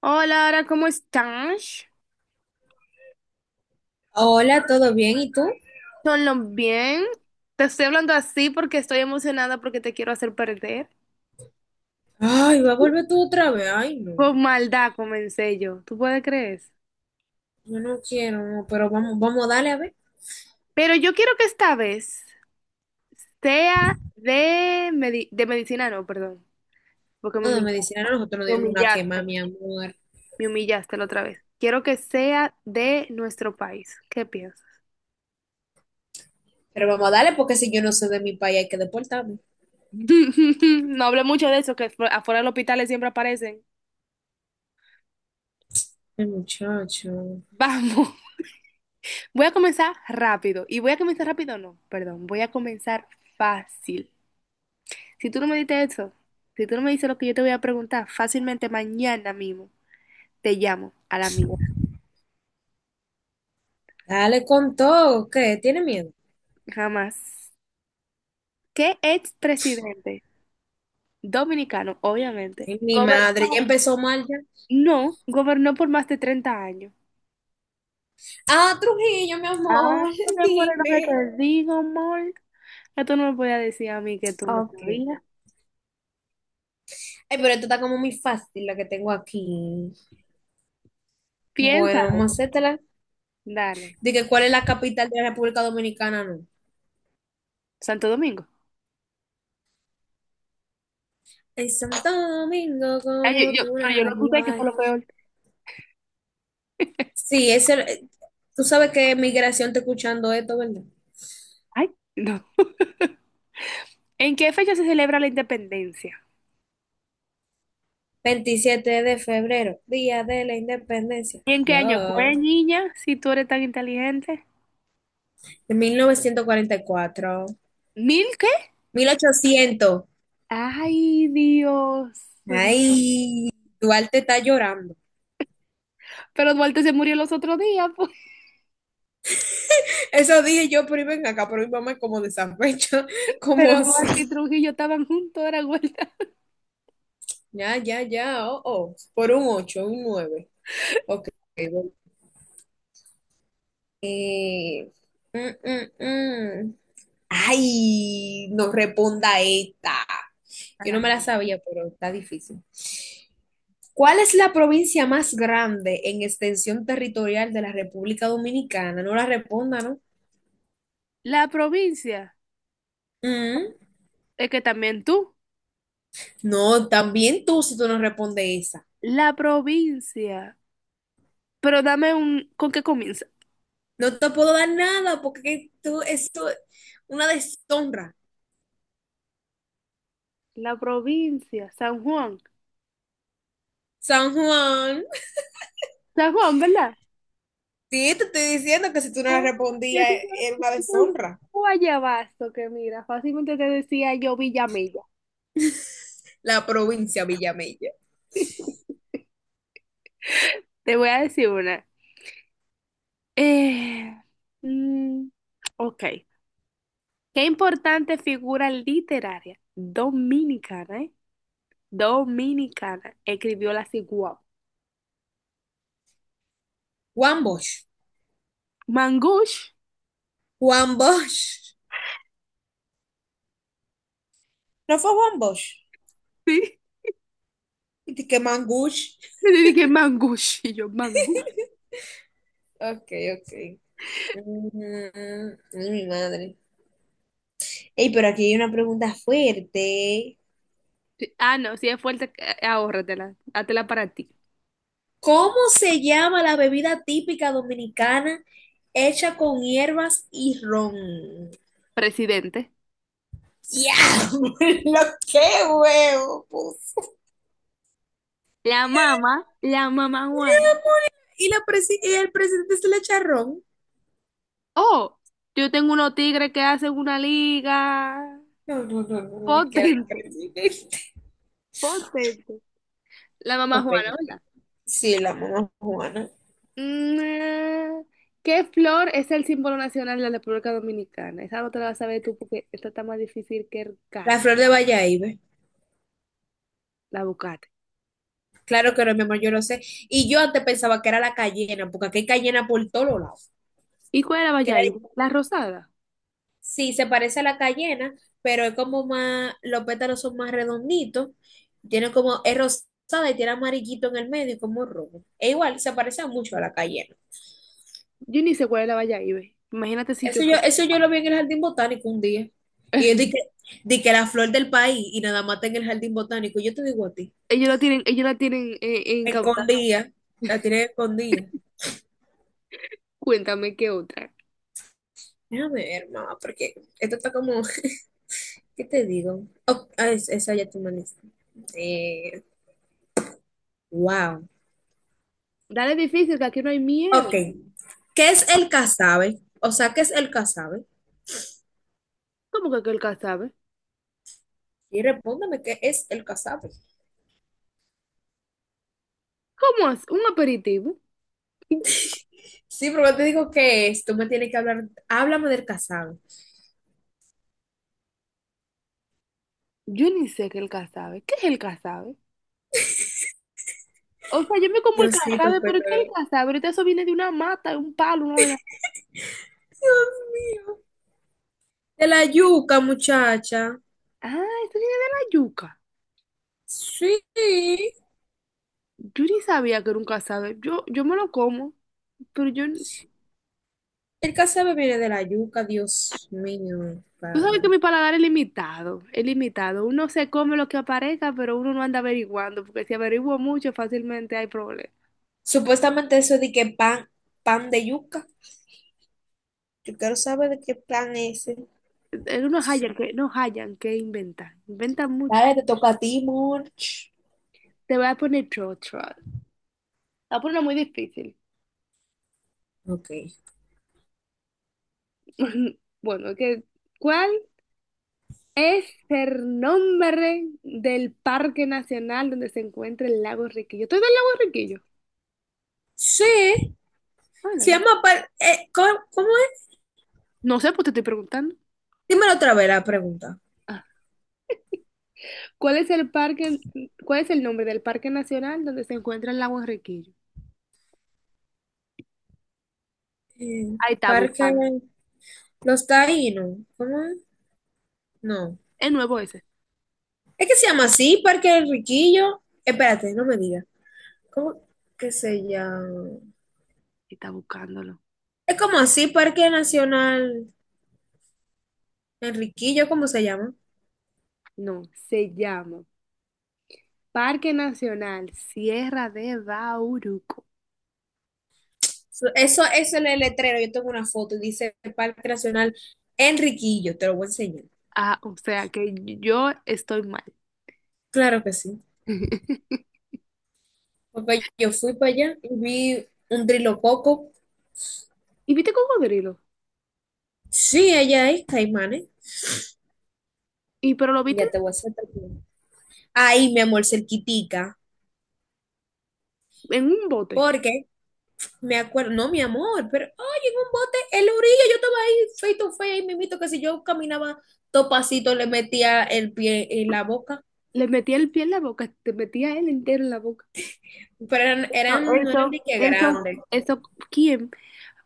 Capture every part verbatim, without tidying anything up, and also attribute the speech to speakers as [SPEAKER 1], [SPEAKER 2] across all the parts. [SPEAKER 1] Hola, Ara, ¿cómo estás?
[SPEAKER 2] Hola, ¿todo bien? ¿Y tú?
[SPEAKER 1] ¿Todo bien? Te estoy hablando así porque estoy emocionada porque te quiero hacer perder.
[SPEAKER 2] Ay, va a volver tú otra vez. Ay, no.
[SPEAKER 1] Con maldad comencé yo, ¿tú puedes creer?
[SPEAKER 2] Yo no quiero, no, pero vamos, vamos a darle a ver.
[SPEAKER 1] Pero yo quiero que esta vez sea de, medi- de medicina, no, perdón, porque me
[SPEAKER 2] No, de
[SPEAKER 1] humillaste,
[SPEAKER 2] medicina no, nosotros nos
[SPEAKER 1] me
[SPEAKER 2] dimos una quema,
[SPEAKER 1] humillaste,
[SPEAKER 2] mi amor.
[SPEAKER 1] me humillaste la otra vez. Quiero que sea de nuestro país. ¿Qué piensas?
[SPEAKER 2] Pero vamos a darle porque si yo no soy de mi país hay que deportarme.
[SPEAKER 1] No hablé mucho de eso, que afu- afuera del hospital siempre aparecen.
[SPEAKER 2] Ay, muchacho.
[SPEAKER 1] Vamos. Voy a comenzar rápido. Y voy a comenzar rápido, no, perdón. Voy a comenzar fácil. Si tú no me diste eso, si tú no me dices lo que yo te voy a preguntar, fácilmente mañana mismo te llamo a la mía.
[SPEAKER 2] Dale con todo. ¿Qué? ¿Tiene miedo?
[SPEAKER 1] Jamás. ¿Qué expresidente dominicano, obviamente,
[SPEAKER 2] Ay, mi madre, ya
[SPEAKER 1] gobernó?
[SPEAKER 2] empezó mal ya.
[SPEAKER 1] No, gobernó por más de treinta años.
[SPEAKER 2] Ah, Trujillo, mi
[SPEAKER 1] Ah,
[SPEAKER 2] amor,
[SPEAKER 1] no te mueres lo que
[SPEAKER 2] dime.
[SPEAKER 1] te digo, amor. Ya tú no me podías decir a mí que tú no
[SPEAKER 2] Ok. Ay,
[SPEAKER 1] sabías.
[SPEAKER 2] pero esto está como muy fácil la que tengo aquí. Bueno, vamos
[SPEAKER 1] Piénsalo.
[SPEAKER 2] a hacértela.
[SPEAKER 1] Dale.
[SPEAKER 2] Dije, ¿cuál es la capital de la República Dominicana? No.
[SPEAKER 1] Santo Domingo.
[SPEAKER 2] Es Santo Domingo
[SPEAKER 1] Ay,
[SPEAKER 2] como
[SPEAKER 1] yo, yo-
[SPEAKER 2] tú
[SPEAKER 1] pero yo
[SPEAKER 2] nada
[SPEAKER 1] lo escuché que fue
[SPEAKER 2] igual.
[SPEAKER 1] lo peor.
[SPEAKER 2] Sí, ese, tú sabes que migración está escuchando esto, ¿verdad?
[SPEAKER 1] Ay, no. ¿En qué fecha se celebra la independencia?
[SPEAKER 2] Veintisiete de febrero, Día de la Independencia.
[SPEAKER 1] ¿Y en qué año
[SPEAKER 2] No.
[SPEAKER 1] fue, niña, si tú eres tan inteligente?
[SPEAKER 2] De mil novecientos cuarenta y cuatro,
[SPEAKER 1] ¿Mil qué?
[SPEAKER 2] mil ochocientos.
[SPEAKER 1] Ay, Dios.
[SPEAKER 2] Ay, Duarte está llorando.
[SPEAKER 1] Pero Duarte se murió los otros días, pues.
[SPEAKER 2] Eso dije yo, pero ven acá, pero mi mamá es como de San Pecho, como
[SPEAKER 1] Pero Duarte y
[SPEAKER 2] así.
[SPEAKER 1] Trujillo estaban juntos, era vuelta.
[SPEAKER 2] Ya, ya, ya, oh, oh. Por un ocho un nueve. Ok. Eh, mm, mm, mm. Ay, no responda esta. Yo no me
[SPEAKER 1] Ajá.
[SPEAKER 2] la sabía, pero está difícil. ¿Cuál es la provincia más grande en extensión territorial de la República Dominicana? No la responda, ¿no?
[SPEAKER 1] La provincia.
[SPEAKER 2] Mm.
[SPEAKER 1] Es que también tú.
[SPEAKER 2] No, también tú si tú no respondes esa.
[SPEAKER 1] La provincia. Pero dame un... ¿Con qué comienza?
[SPEAKER 2] No te puedo dar nada porque tú, esto es una deshonra.
[SPEAKER 1] La provincia, San Juan.
[SPEAKER 2] San Juan.
[SPEAKER 1] San Juan, ¿verdad?
[SPEAKER 2] Sí, te estoy diciendo que si tú no
[SPEAKER 1] Ah,
[SPEAKER 2] la
[SPEAKER 1] yo tenía
[SPEAKER 2] respondías era
[SPEAKER 1] yo
[SPEAKER 2] una
[SPEAKER 1] tenía un
[SPEAKER 2] deshonra.
[SPEAKER 1] guayabazo que mira, fácilmente te decía yo Villamella.
[SPEAKER 2] La provincia Villamella.
[SPEAKER 1] Te voy a decir una. Eh, mm, ok. Qué importante figura literaria dominicana, ¿eh? Dominicana escribió la Ciguao.
[SPEAKER 2] Juan Bosch.
[SPEAKER 1] Mangush,
[SPEAKER 2] Juan Bosch. No fue Juan Bosch.
[SPEAKER 1] sí.
[SPEAKER 2] Y te queman Gush.
[SPEAKER 1] Yo le dije Mangush y yo Mangush.
[SPEAKER 2] Ok, ok. Mm, ay, mi madre. Ey, pero aquí hay una pregunta fuerte.
[SPEAKER 1] Sí. Ah, no, si es fuerte, eh, ahórratela, hátela para ti.
[SPEAKER 2] ¿Cómo se llama la bebida típica dominicana hecha con hierbas y ron?
[SPEAKER 1] Presidente.
[SPEAKER 2] Ya, lo que huevo, pues.
[SPEAKER 1] La mamá, la mamá Juana.
[SPEAKER 2] ¿Y, la presi- y el presidente se le echa ron?
[SPEAKER 1] Oh, yo tengo unos tigres que hacen una liga
[SPEAKER 2] No, no, no, no, no, ni que era
[SPEAKER 1] potente,
[SPEAKER 2] presidente.
[SPEAKER 1] potente. La mamá
[SPEAKER 2] Ok,
[SPEAKER 1] Juana,
[SPEAKER 2] ok.
[SPEAKER 1] ¿verdad?
[SPEAKER 2] Sí, la mamá Juana.
[SPEAKER 1] Mm. ¿Qué flor es el símbolo nacional de la República Dominicana? Esa no te la vas a ver tú porque esta está más difícil que el cara,
[SPEAKER 2] La flor de Bayahibe.
[SPEAKER 1] la buscaste.
[SPEAKER 2] Claro que no, mi amor, yo lo sé. Y yo antes pensaba que era la cayena, porque aquí hay cayena por todos lados.
[SPEAKER 1] ¿Y cuál es la
[SPEAKER 2] Que la-
[SPEAKER 1] Bayahibe? La rosada.
[SPEAKER 2] sí, se parece a la cayena, pero es como más, los pétalos son más redonditos, tiene como, es rosada y tiene amarillito en el medio y como rojo. Es igual, se parece mucho a la cayena.
[SPEAKER 1] Yo ni sé cuál es la Bayahibe. Imagínate si yo...
[SPEAKER 2] Eso yo, eso yo lo vi en el jardín botánico un día. Y yo dije,
[SPEAKER 1] sé.
[SPEAKER 2] di que la flor del país y nada más está en el jardín botánico. Yo te digo a ti,
[SPEAKER 1] Ellos la tienen, ellos la tienen eh, incautada.
[SPEAKER 2] escondida, la tiene escondida.
[SPEAKER 1] Cuéntame qué otra.
[SPEAKER 2] Déjame ver, mamá, porque esto está como... ¿Qué te digo? Oh, ah, es- esa ya tú me la hiciste. Eh, wow.
[SPEAKER 1] Dale difícil, que aquí no hay
[SPEAKER 2] Ok.
[SPEAKER 1] miedo.
[SPEAKER 2] ¿Qué es el casabe? O sea, ¿qué es el casabe?
[SPEAKER 1] ¿Cómo que aquel que sabe?
[SPEAKER 2] Y respóndame, ¿qué es el casabe?
[SPEAKER 1] ¿Cómo es? ¿Un aperitivo?
[SPEAKER 2] Sí, pero yo te digo qué es. Tú me tienes que hablar. Háblame del casabe.
[SPEAKER 1] Yo ni sé qué es el casabe. ¿Qué es el casabe? O sea, yo me como el
[SPEAKER 2] Diosito,
[SPEAKER 1] casabe, pero ¿qué es el
[SPEAKER 2] perdón.
[SPEAKER 1] casabe? Ahorita eso viene de una mata, de un palo, una vaina.
[SPEAKER 2] Dios mío. De la yuca, muchacha.
[SPEAKER 1] Ah, eso viene de la yuca.
[SPEAKER 2] Sí.
[SPEAKER 1] Yo ni sabía que era un casabe. Yo, yo me lo como, pero yo...
[SPEAKER 2] El casabe viene de la yuca, Dios mío,
[SPEAKER 1] Tú sabes que
[SPEAKER 2] padre.
[SPEAKER 1] mi paladar es limitado, es limitado. Uno se come lo que aparezca, pero uno no anda averiguando, porque si averiguo mucho, fácilmente hay problemas.
[SPEAKER 2] Supuestamente eso de que pan, pan de yuca. Yo quiero saber de qué pan es.
[SPEAKER 1] Eh, eh, No hallan que, no hallan que inventan, inventan mucho.
[SPEAKER 2] Dale, te toca a ti, Monch.
[SPEAKER 1] Te voy a poner otro, otro. Te voy a poner una muy difícil.
[SPEAKER 2] Ok.
[SPEAKER 1] Bueno, que, ¿cuál es el nombre del parque nacional donde se encuentra el lago Riquillo? ¿Tú ves el lago Riquillo?
[SPEAKER 2] Sí,
[SPEAKER 1] Ah, no,
[SPEAKER 2] se
[SPEAKER 1] yo no
[SPEAKER 2] llama... par- eh, ¿cómo, cómo es?
[SPEAKER 1] No sé, pues te estoy preguntando.
[SPEAKER 2] Dímelo otra vez la pregunta.
[SPEAKER 1] Ah. ¿Cuál es el parque, cuál es el nombre del parque nacional donde se encuentra el lago Riquillo?
[SPEAKER 2] Eh,
[SPEAKER 1] Ahí está
[SPEAKER 2] Parque
[SPEAKER 1] buscando.
[SPEAKER 2] Los Taínos. ¿Cómo es? No.
[SPEAKER 1] Es nuevo ese.
[SPEAKER 2] Es que se llama así, Parque El Riquillo. Espérate, no me digas. ¿Cómo que se llama?
[SPEAKER 1] Está buscándolo.
[SPEAKER 2] Es como así, Parque Nacional Enriquillo, ¿cómo se llama?
[SPEAKER 1] No, se llama Parque Nacional Sierra de Bauruco.
[SPEAKER 2] So, Eso, eso es el letrero. Yo tengo una foto y dice Parque Nacional Enriquillo. Te lo voy a enseñar.
[SPEAKER 1] Ah, o sea que yo estoy mal.
[SPEAKER 2] Claro que sí. Papá, yo fui para allá y vi un trilococo.
[SPEAKER 1] ¿Y viste cocodrilo?
[SPEAKER 2] Sí, allá es caimanes.
[SPEAKER 1] Y pero lo viste
[SPEAKER 2] Ya te voy a hacer tatuaje. Ahí, mi amor, cerquitica.
[SPEAKER 1] en un bote.
[SPEAKER 2] Porque me acuerdo, no, mi amor, pero, oye, en un bote, en la orilla, yo estaba ahí, feito, to face, ahí mismito, que si yo caminaba topacito, le metía el pie en la boca.
[SPEAKER 1] Le metía el pie en la boca, te metía él entero en la boca.
[SPEAKER 2] Pero eran,
[SPEAKER 1] No.
[SPEAKER 2] eran, no eran
[SPEAKER 1] Eso,
[SPEAKER 2] de que
[SPEAKER 1] eso,
[SPEAKER 2] grandes.
[SPEAKER 1] eso, ¿quién?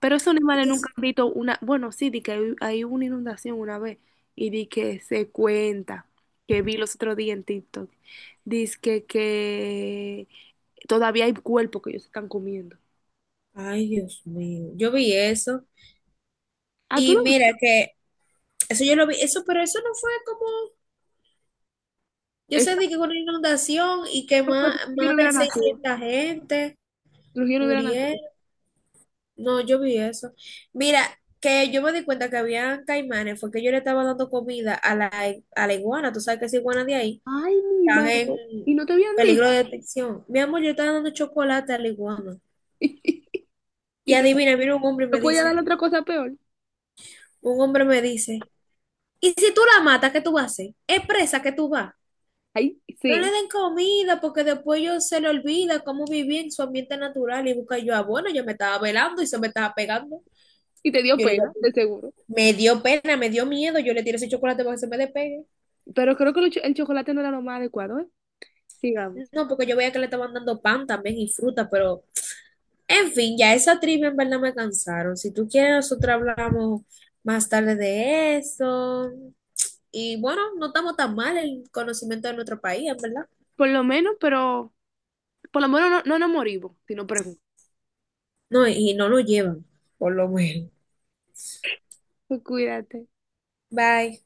[SPEAKER 1] Pero esos animales nunca
[SPEAKER 2] Entonces,
[SPEAKER 1] han visto una, bueno, sí, di que hay, hay una inundación una vez y di que se cuenta, que vi los otros días en TikTok, dice que, que todavía hay cuerpos que ellos están comiendo.
[SPEAKER 2] ay, Dios mío, yo vi eso.
[SPEAKER 1] Ah, tú
[SPEAKER 2] Y
[SPEAKER 1] lo
[SPEAKER 2] mira que, eso yo lo vi, eso, pero eso no fue como. Yo
[SPEAKER 1] Esa
[SPEAKER 2] sé de que con una inundación y que más,
[SPEAKER 1] cosa que yo no
[SPEAKER 2] más de
[SPEAKER 1] hubiera nacido,
[SPEAKER 2] seiscientas gente
[SPEAKER 1] los yo no hubiera
[SPEAKER 2] murieron.
[SPEAKER 1] nacido.
[SPEAKER 2] No, yo vi eso. Mira, que yo me di cuenta que había caimanes, fue que yo le estaba dando comida a la, a la iguana, tú sabes que esa iguana de ahí
[SPEAKER 1] Ay, mi
[SPEAKER 2] están
[SPEAKER 1] madre,
[SPEAKER 2] en
[SPEAKER 1] y no te habían
[SPEAKER 2] peligro
[SPEAKER 1] dicho,
[SPEAKER 2] de detección. Mi amor, yo estaba dando chocolate a la iguana. Y
[SPEAKER 1] y no,
[SPEAKER 2] adivina, mira, un hombre
[SPEAKER 1] no
[SPEAKER 2] me
[SPEAKER 1] podía dar
[SPEAKER 2] dice,
[SPEAKER 1] otra cosa peor.
[SPEAKER 2] un hombre me dice, ¿y si tú la matas, qué tú vas a hacer? ¿Es presa que tú vas?
[SPEAKER 1] Ay,
[SPEAKER 2] No le
[SPEAKER 1] sí.
[SPEAKER 2] den comida porque después ellos se le olvida cómo vivir en su ambiente natural y busca yo, ah, bueno, yo me estaba velando y se me estaba pegando.
[SPEAKER 1] Y te dio
[SPEAKER 2] Yo le digo a
[SPEAKER 1] pena, de
[SPEAKER 2] ti,
[SPEAKER 1] seguro.
[SPEAKER 2] me dio pena, me dio miedo, yo le tiré ese chocolate para que se me despegue.
[SPEAKER 1] Pero creo que lo cho- el chocolate no era lo más adecuado, ¿eh? Digamos.
[SPEAKER 2] No, porque yo veía que le estaban dando pan también y fruta, pero en fin, ya esa trivia en verdad me cansaron. Si tú quieres, nosotros hablamos más tarde de eso. Y bueno, no estamos tan mal el conocimiento de nuestro país, en verdad.
[SPEAKER 1] Por lo menos, pero por lo menos no, no nos morimos, si no pregunto.
[SPEAKER 2] No, y no lo llevan, por lo menos.
[SPEAKER 1] Pues Cuídate.
[SPEAKER 2] Bye.